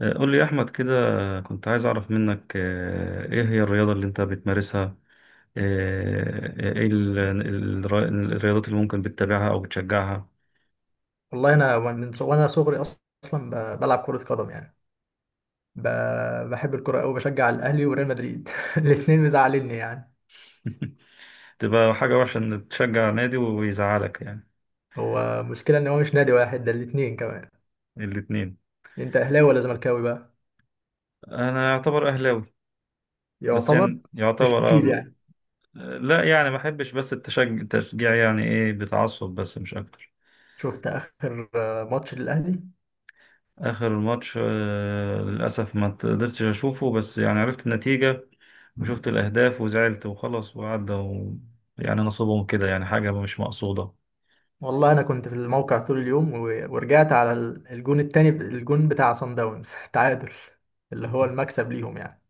قول لي يا أحمد كده. كنت عايز أعرف منك إيه هي الرياضة اللي أنت بتمارسها، آه، إيه ال- ال- الرياضات اللي ممكن بتتابعها أو بتشجعها. والله انا من ص- وانا صغري اصلا بلعب كرة قدم يعني. ب... بحب الكرة قوي، بشجع الاهلي وريال مدريد الاثنين مزعلني يعني. تبقى حاجة وحشة إن تشجع نادي ويزعلك يعني. هو مشكلة ان هو مش نادي واحد، ده الاثنين كمان. الاتنين. انت اهلاوي ولا زملكاوي بقى؟ أنا يعتبر أهلاوي. بس يعتبر، يعني مش يعتبر، اكيد يعني. لا يعني ما بحبش بس التشجيع يعني إيه بتعصب بس مش أكتر. شفت اخر ماتش للاهلي؟ آخر ماتش، للأسف ما قدرتش أشوفه بس يعني عرفت النتيجة وشفت الأهداف وزعلت وخلص وعدى يعني نصيبهم كده، يعني حاجة مش مقصودة. والله انا كنت في الموقع طول اليوم ورجعت على الجون التاني الجون بتاع سان داونز تعادل، اللي هو المكسب ليهم يعني،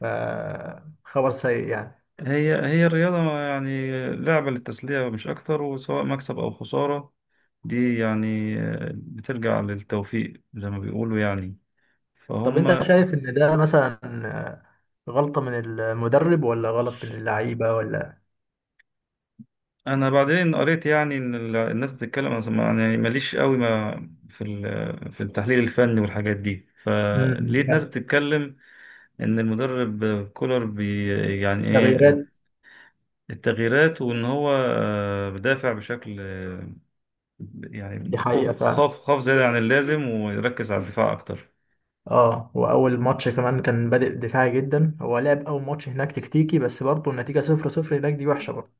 فخبر سيء يعني. هي هي الرياضة يعني، لعبة للتسلية مش أكتر، وسواء مكسب أو خسارة دي يعني، بترجع للتوفيق زي ما بيقولوا يعني. طب فهم. انت شايف ان ده مثلا غلطة من المدرب ولا غلط من اللعيبة ولا؟ انا بعدين قريت يعني ان الناس بتتكلم، يعني ماليش قوي ما في في التحليل الفني والحاجات دي، امم فلقيت ناس بتتكلم ان المدرب كولر بي يعني ايه تغييرات. التغييرات، وان هو بدافع بشكل، دي يعني حقيقة خوف، فعلا. خاف زيادة عن اللازم ويركز على الدفاع اكتر. اه، واول ماتش كمان كان بادئ دفاعي جدا، هو لعب اول ماتش هناك تكتيكي بس برضه النتيجة 0-0 هناك دي وحشة برضه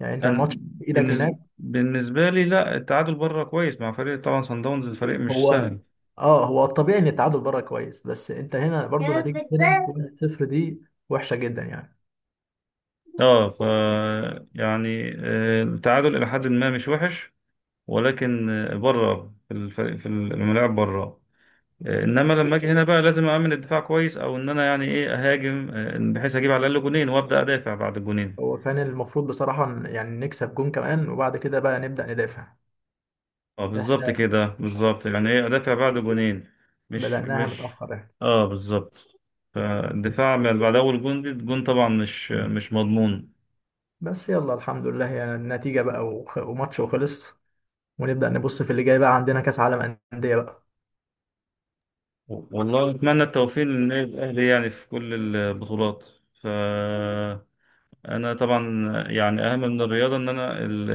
يعني. انت انا الماتش في ايدك بالنسبة هناك. بالنسبة لي، لا التعادل بره كويس مع فريق طبعا صن داونز، الفريق مش هو، سهل. اه هو الطبيعي ان التعادل بره كويس، بس انت هنا برضه نتيجة هنا 1-0 دي وحشة جدا يعني. اه ف يعني التعادل الى حد ما مش وحش، ولكن بره في الفريق، في الملاعب بره، انما لما اجي هنا بقى لازم اعمل الدفاع كويس، او ان انا يعني ايه اهاجم بحيث اجيب على الاقل جونين وابدا ادافع بعد الجونين. هو كان المفروض بصراحة يعني نكسب جون كمان وبعد كده بقى نبدأ ندافع. اه بالظبط احنا كده بالظبط، يعني ايه ادافع بعد جونين. مش بدأناها مش متأخر يعني. اه بالظبط. فالدفاع بعد اول جون، دي الجون طبعا مش مضمون. بس يلا الحمد لله يعني النتيجة بقى، وماتش وخلص، ونبدأ نبص في اللي جاي. بقى عندنا كأس عالم أندية بقى. والله أتمنى التوفيق للنادي الأهلي يعني في كل البطولات. فأنا طبعا يعني أهم من الرياضة إن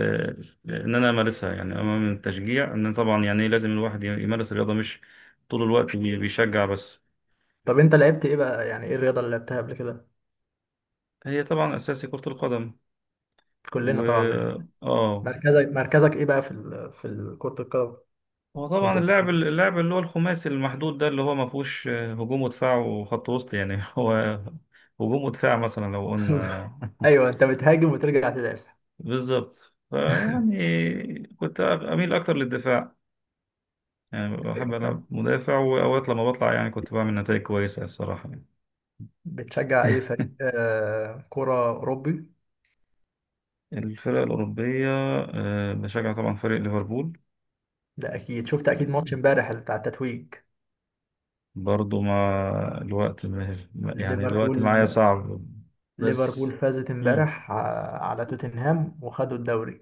إن أنا أمارسها، يعني أهم من التشجيع، إن طبعا يعني إيه لازم الواحد يمارس الرياضة مش طول الوقت بيشجع بس. طب أنت لعبت إيه بقى؟ يعني إيه الرياضة اللي لعبتها قبل كده؟ هي طبعا أساسي كرة القدم. و كلنا طبعا منها. آه مركزك إيه بقى في في كرة القدم؟ هو طبعا كنت اللاعب بتلعب؟ اللاعب اللي هو الخماسي المحدود ده، اللي هو ما فيهوش هجوم ودفاع وخط وسط يعني. هو هجوم ودفاع مثلا لو قلنا. أيوه، أنت بتهاجم وترجع تدافع. بالظبط، فيعني كنت أميل أكتر للدفاع، يعني بحب أيوة فاهم. ألعب مدافع، وأوقات لما بطلع يعني كنت بعمل نتائج كويسة الصراحة يعني. بتشجع أي فريق كرة أوروبي؟ الفرق الأوروبية، بشجع طبعا فريق ليفربول. ده أكيد شفت أكيد ماتش إمبارح بتاع التتويج. برضو مع الوقت يعني الوقت ليفربول معايا صعب ليفربول بس. فازت مم. إمبارح على توتنهام وخدوا الدوري.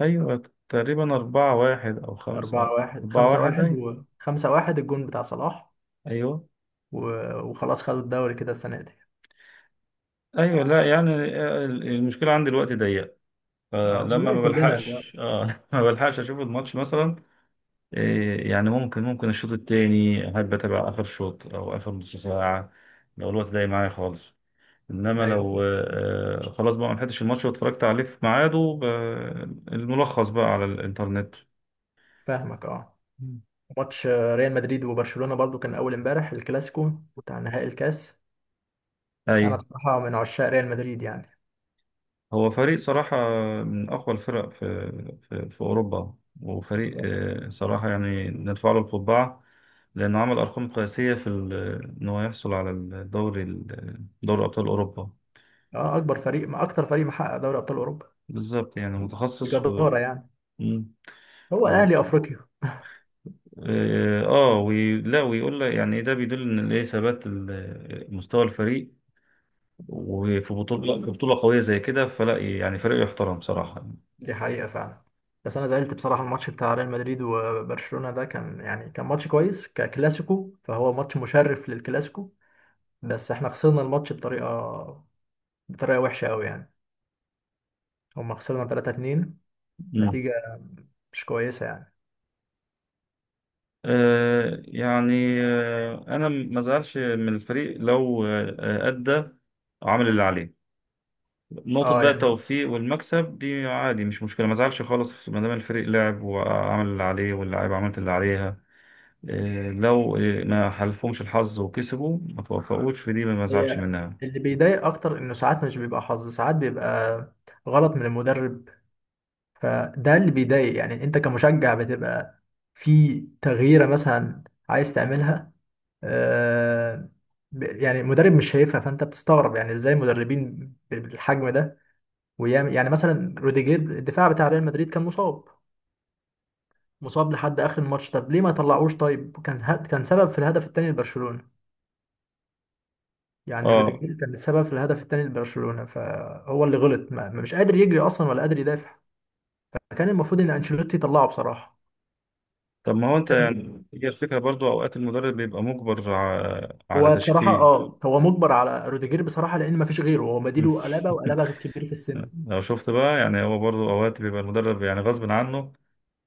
أيوة تقريبا أربعة واحد أو أربعة خمسة. واحد، أربعة خمسة واحد واحد، أيوة. وخمسة واحد الجون بتاع صلاح. أيوة. و... وخلاص خدوا الدوري كده السنة دي. أيوة لا يعني، المشكلة عندي الوقت ضيق، اه فلما والله ما كلنا، لا. بلحقش اه ما بلحقش اشوف الماتش مثلا. إيه يعني، ممكن الشوط التاني احب اتابع اخر شوط او اخر نص ساعه، لو الوقت ضايق معايا خالص. انما أيوه، لو آه خلاص بقى ما لحقتش الماتش واتفرجت عليه في ميعاده، الملخص بقى على الانترنت. فاهمك اه. مم. ماتش ريال مدريد وبرشلونة برضو كان أول امبارح الكلاسيكو بتاع نهائي الكاس. اي. أنا بصراحة من عشاق ريال مدريد يعني. هو فريق صراحة من أقوى الفرق في في أوروبا، وفريق اه، صراحة يعني نرفع له القبعة، لأنه عمل أرقام قياسية في إن هو يحصل على دوري أبطال أوروبا. أكبر فريق، ما أكتر فريق محقق دوري أبطال أوروبا بالظبط، يعني متخصص. بجدارة يعني. مم. هو و الأهلي أفريقيا. آه آه، وي... لا ويقول لك يعني ده بيدل إن الإيه ثبات مستوى الفريق، وفي بطولة، في بطولة قوية زي كده، فلا يعني فريق يحترم صراحة. دي حقيقة فعلا. بس أنا زعلت بصراحة، الماتش بتاع ريال مدريد وبرشلونة ده كان يعني كان ماتش كويس ككلاسيكو، فهو ماتش مشرف للكلاسيكو، بس احنا خسرنا الماتش بطريقة، بطريقة وحشة قوي يعني. هما خسرنا 3-2، مم. نتيجة مش كويسة يعني. انا ما زعلش من الفريق لو ادى وعمل اللي عليه. نقطة اه بقى يعني. التوفيق والمكسب دي عادي، مش مشكلة، ما زعلش خالص ما دام الفريق لعب وعمل اللي عليه واللاعيبة عملت اللي عليها. لو ما حلفهمش الحظ وكسبوا، ما توفقوش في دي، ما زعلش هي منها. اللي بيضايق اكتر انه ساعات مش بيبقى حظ، ساعات بيبقى غلط من المدرب، فده اللي بيضايق يعني. انت كمشجع بتبقى في تغييرة مثلا عايز تعملها، آه يعني مدرب مش شايفها، فانت بتستغرب يعني ازاي مدربين بالحجم ده ويعمل يعني. مثلا روديجير الدفاع بتاع ريال مدريد كان مصاب، مصاب لحد اخر الماتش، طب ليه ما طلعوش؟ طيب كان كان سبب في الهدف الثاني لبرشلونة. يعني اه. روديجير كان السبب في الهدف الثاني لبرشلونة، فهو اللي غلط، ما مش قادر يجري اصلا ولا قادر يدافع. كان المفروض ان انشيلوتي يطلعه بصراحة. طب ما هو انت يعني هي الفكرة برضو اوقات المدرب بيبقى مجبر على هو بصراحة تشكيل. اه هو مجبر على روديجير بصراحة، لان ما فيش غيره، هو بديله قلابة، وقلابة كبير في السن. لو شفت بقى يعني هو برضو اوقات بيبقى المدرب يعني غصب عنه،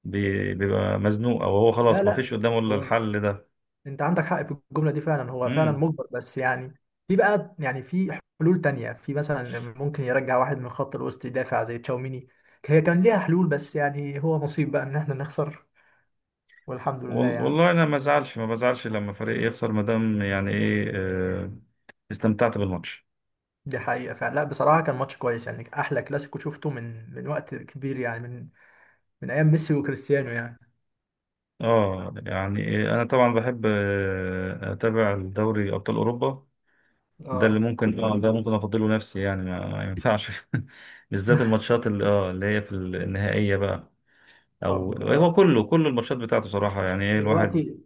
بيبقى مزنوق، او هو لا خلاص ما لا. فيش قدامه الا هو الحل ده. انت عندك حق في الجمله دي فعلا، هو فعلا امم. مجبر بس يعني في بقى يعني في حلول تانية، في مثلا ممكن يرجع واحد من خط الوسط يدافع زي تشاوميني. هي كان ليها حلول، بس يعني هو نصيب بقى ان احنا نخسر، والحمد لله يعني. والله انا ما بزعلش لما فريق يخسر ما دام يعني ايه استمتعت بالماتش. دي حقيقه فعلا، لا بصراحه كان ماتش كويس يعني، احلى كلاسيكو شفته من وقت كبير يعني، من من ايام ميسي وكريستيانو يعني. اه يعني إيه انا طبعا بحب اتابع الدوري ابطال اوروبا. ده اللي اه ممكن اه ده ممكن افضله نفسي، يعني ما ينفعش. بالذات الماتشات اللي اه اللي هي في النهائيه بقى، او طب هو كله كل الماتشات بتاعته صراحه، يعني ايه الواحد. دلوقتي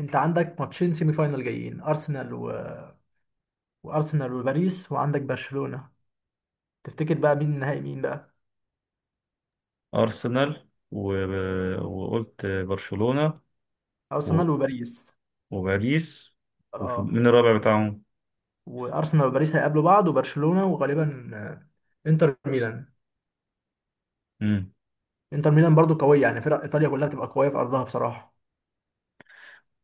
انت عندك ماتشين سيمي فاينال جايين، ارسنال وارسنال وباريس، وعندك برشلونه. تفتكر بقى مين النهائي مين بقى؟ ارسنال و- وقلت برشلونه ارسنال وباريس. وباريس. اه، ومين الرابع بتاعهم؟ وارسنال وباريس هيقابلوا بعض، وبرشلونة وغالبا انتر ميلان. مم. انتر ميلان برضو قوية يعني، فرق ايطاليا كلها بتبقى قوية في ارضها بصراحة.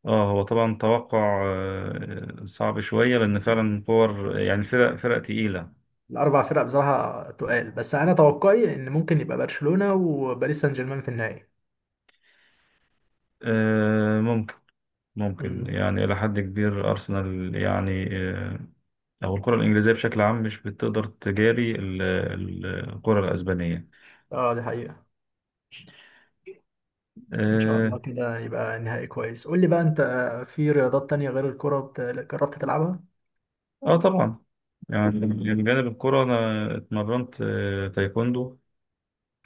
اه هو طبعا توقع صعب شوية لأن فعلا كور يعني فرق تقيلة. الاربع فرق بصراحة تقال، بس انا توقعي ان ممكن يبقى برشلونة وباريس سان جيرمان في النهائي. آه، ممكن ممكن امم يعني إلى حد كبير أرسنال يعني، أو الكرة الإنجليزية بشكل عام مش بتقدر تجاري الكرة الأسبانية. اه، دي حقيقة. ان شاء آه. الله كده يبقى نهائي كويس. قول لي بقى انت في رياضات تانية غير الكرة جربت تلعبها؟ آه طبعا، يعني من جانب الكرة أنا اتمرنت تايكوندو،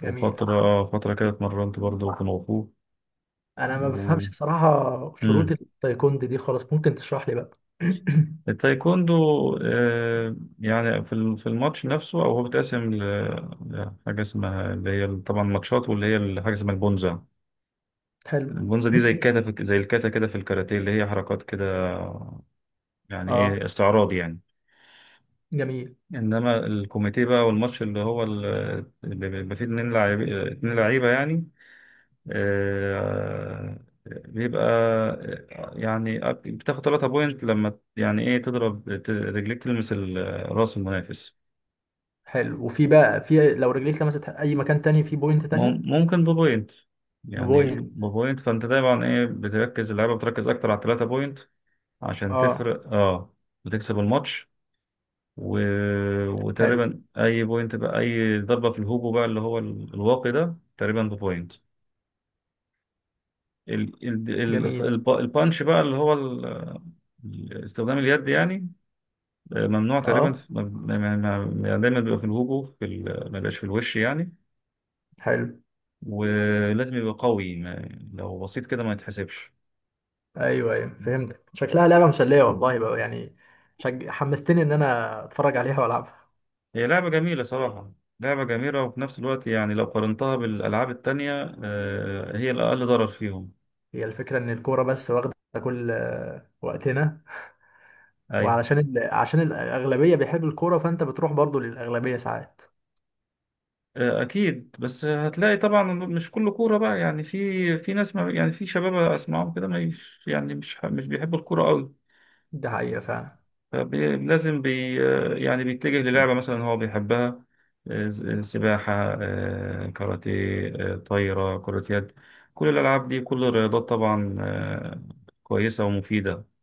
جميل. وفترة فترة كده اتمرنت برضه كونغ فو. انا ما و... بفهمش بصراحة شروط مم. التايكوندي دي خالص، ممكن تشرح لي بقى؟ التايكوندو، يعني في في الماتش نفسه، او هو بيتقسم لحاجه اسمها اللي هي طبعا ماتشات، واللي هي حاجه اسمها البونزا. حلو. البونزا دي زي زي الكاتا كده في الكاراتيه، اللي هي حركات كده يعني اه ايه استعراض يعني. جميل. انما الكوميتيه بقى والماتش اللي هو اللي بيبقى فيه اتنين لعيبه يعني، آه، بيبقى يعني بتاخد 3 بوينت لما يعني ايه تضرب رجليك تلمس راس المنافس. حلو، وفي بقى، في لو رجليك لمست اي مكان تاني في بوينت تانية؟ ممكن ببوينت، يعني بوينت. ببوينت، فانت دايما ايه بتركز، اللعيبه بتركز اكتر على الثلاثه بوينت عشان اه تفرق، اه، وتكسب الماتش. و... حلو. وتقريبا اي بوينت بقى اي ضربه في الهوجو بقى اللي هو الواقي ده تقريبا ببوينت. ال... ال... جميل. البانش بقى اللي هو استخدام اليد يعني، ممنوع تقريبا اه يعني دايما بيبقى في الهوجو في ما بيبقاش في الوش يعني، حلو. ولازم يبقى قوي. ما... لو بسيط كده ما يتحسبش. ايوه ايوه فهمت، شكلها لعبه مسليه والله بقى يعني. حمستني ان انا اتفرج عليها والعبها. هي لعبة جميلة صراحة، لعبة جميلة وفي نفس الوقت يعني لو قارنتها بالألعاب التانية، هي الأقل ضرر فيهم. هي الفكره ان الكوره بس واخده كل وقتنا، أي وعلشان عشان الاغلبيه بيحبوا الكوره، فانت بتروح برضو للاغلبيه ساعات. أكيد، بس هتلاقي طبعا مش كله كورة بقى يعني، في في ناس ما يعني، في شباب أسمعهم كده مش يعني مش بيحبوا الكورة أوي. ده حقيقه فعلا. فلازم بي يعني بيتجه للعبة مثلا هو بيحبها، سباحة، كاراتيه، طايرة، كرة يد. كل الألعاب دي، كل الرياضات طبعا كويسة ومفيدة.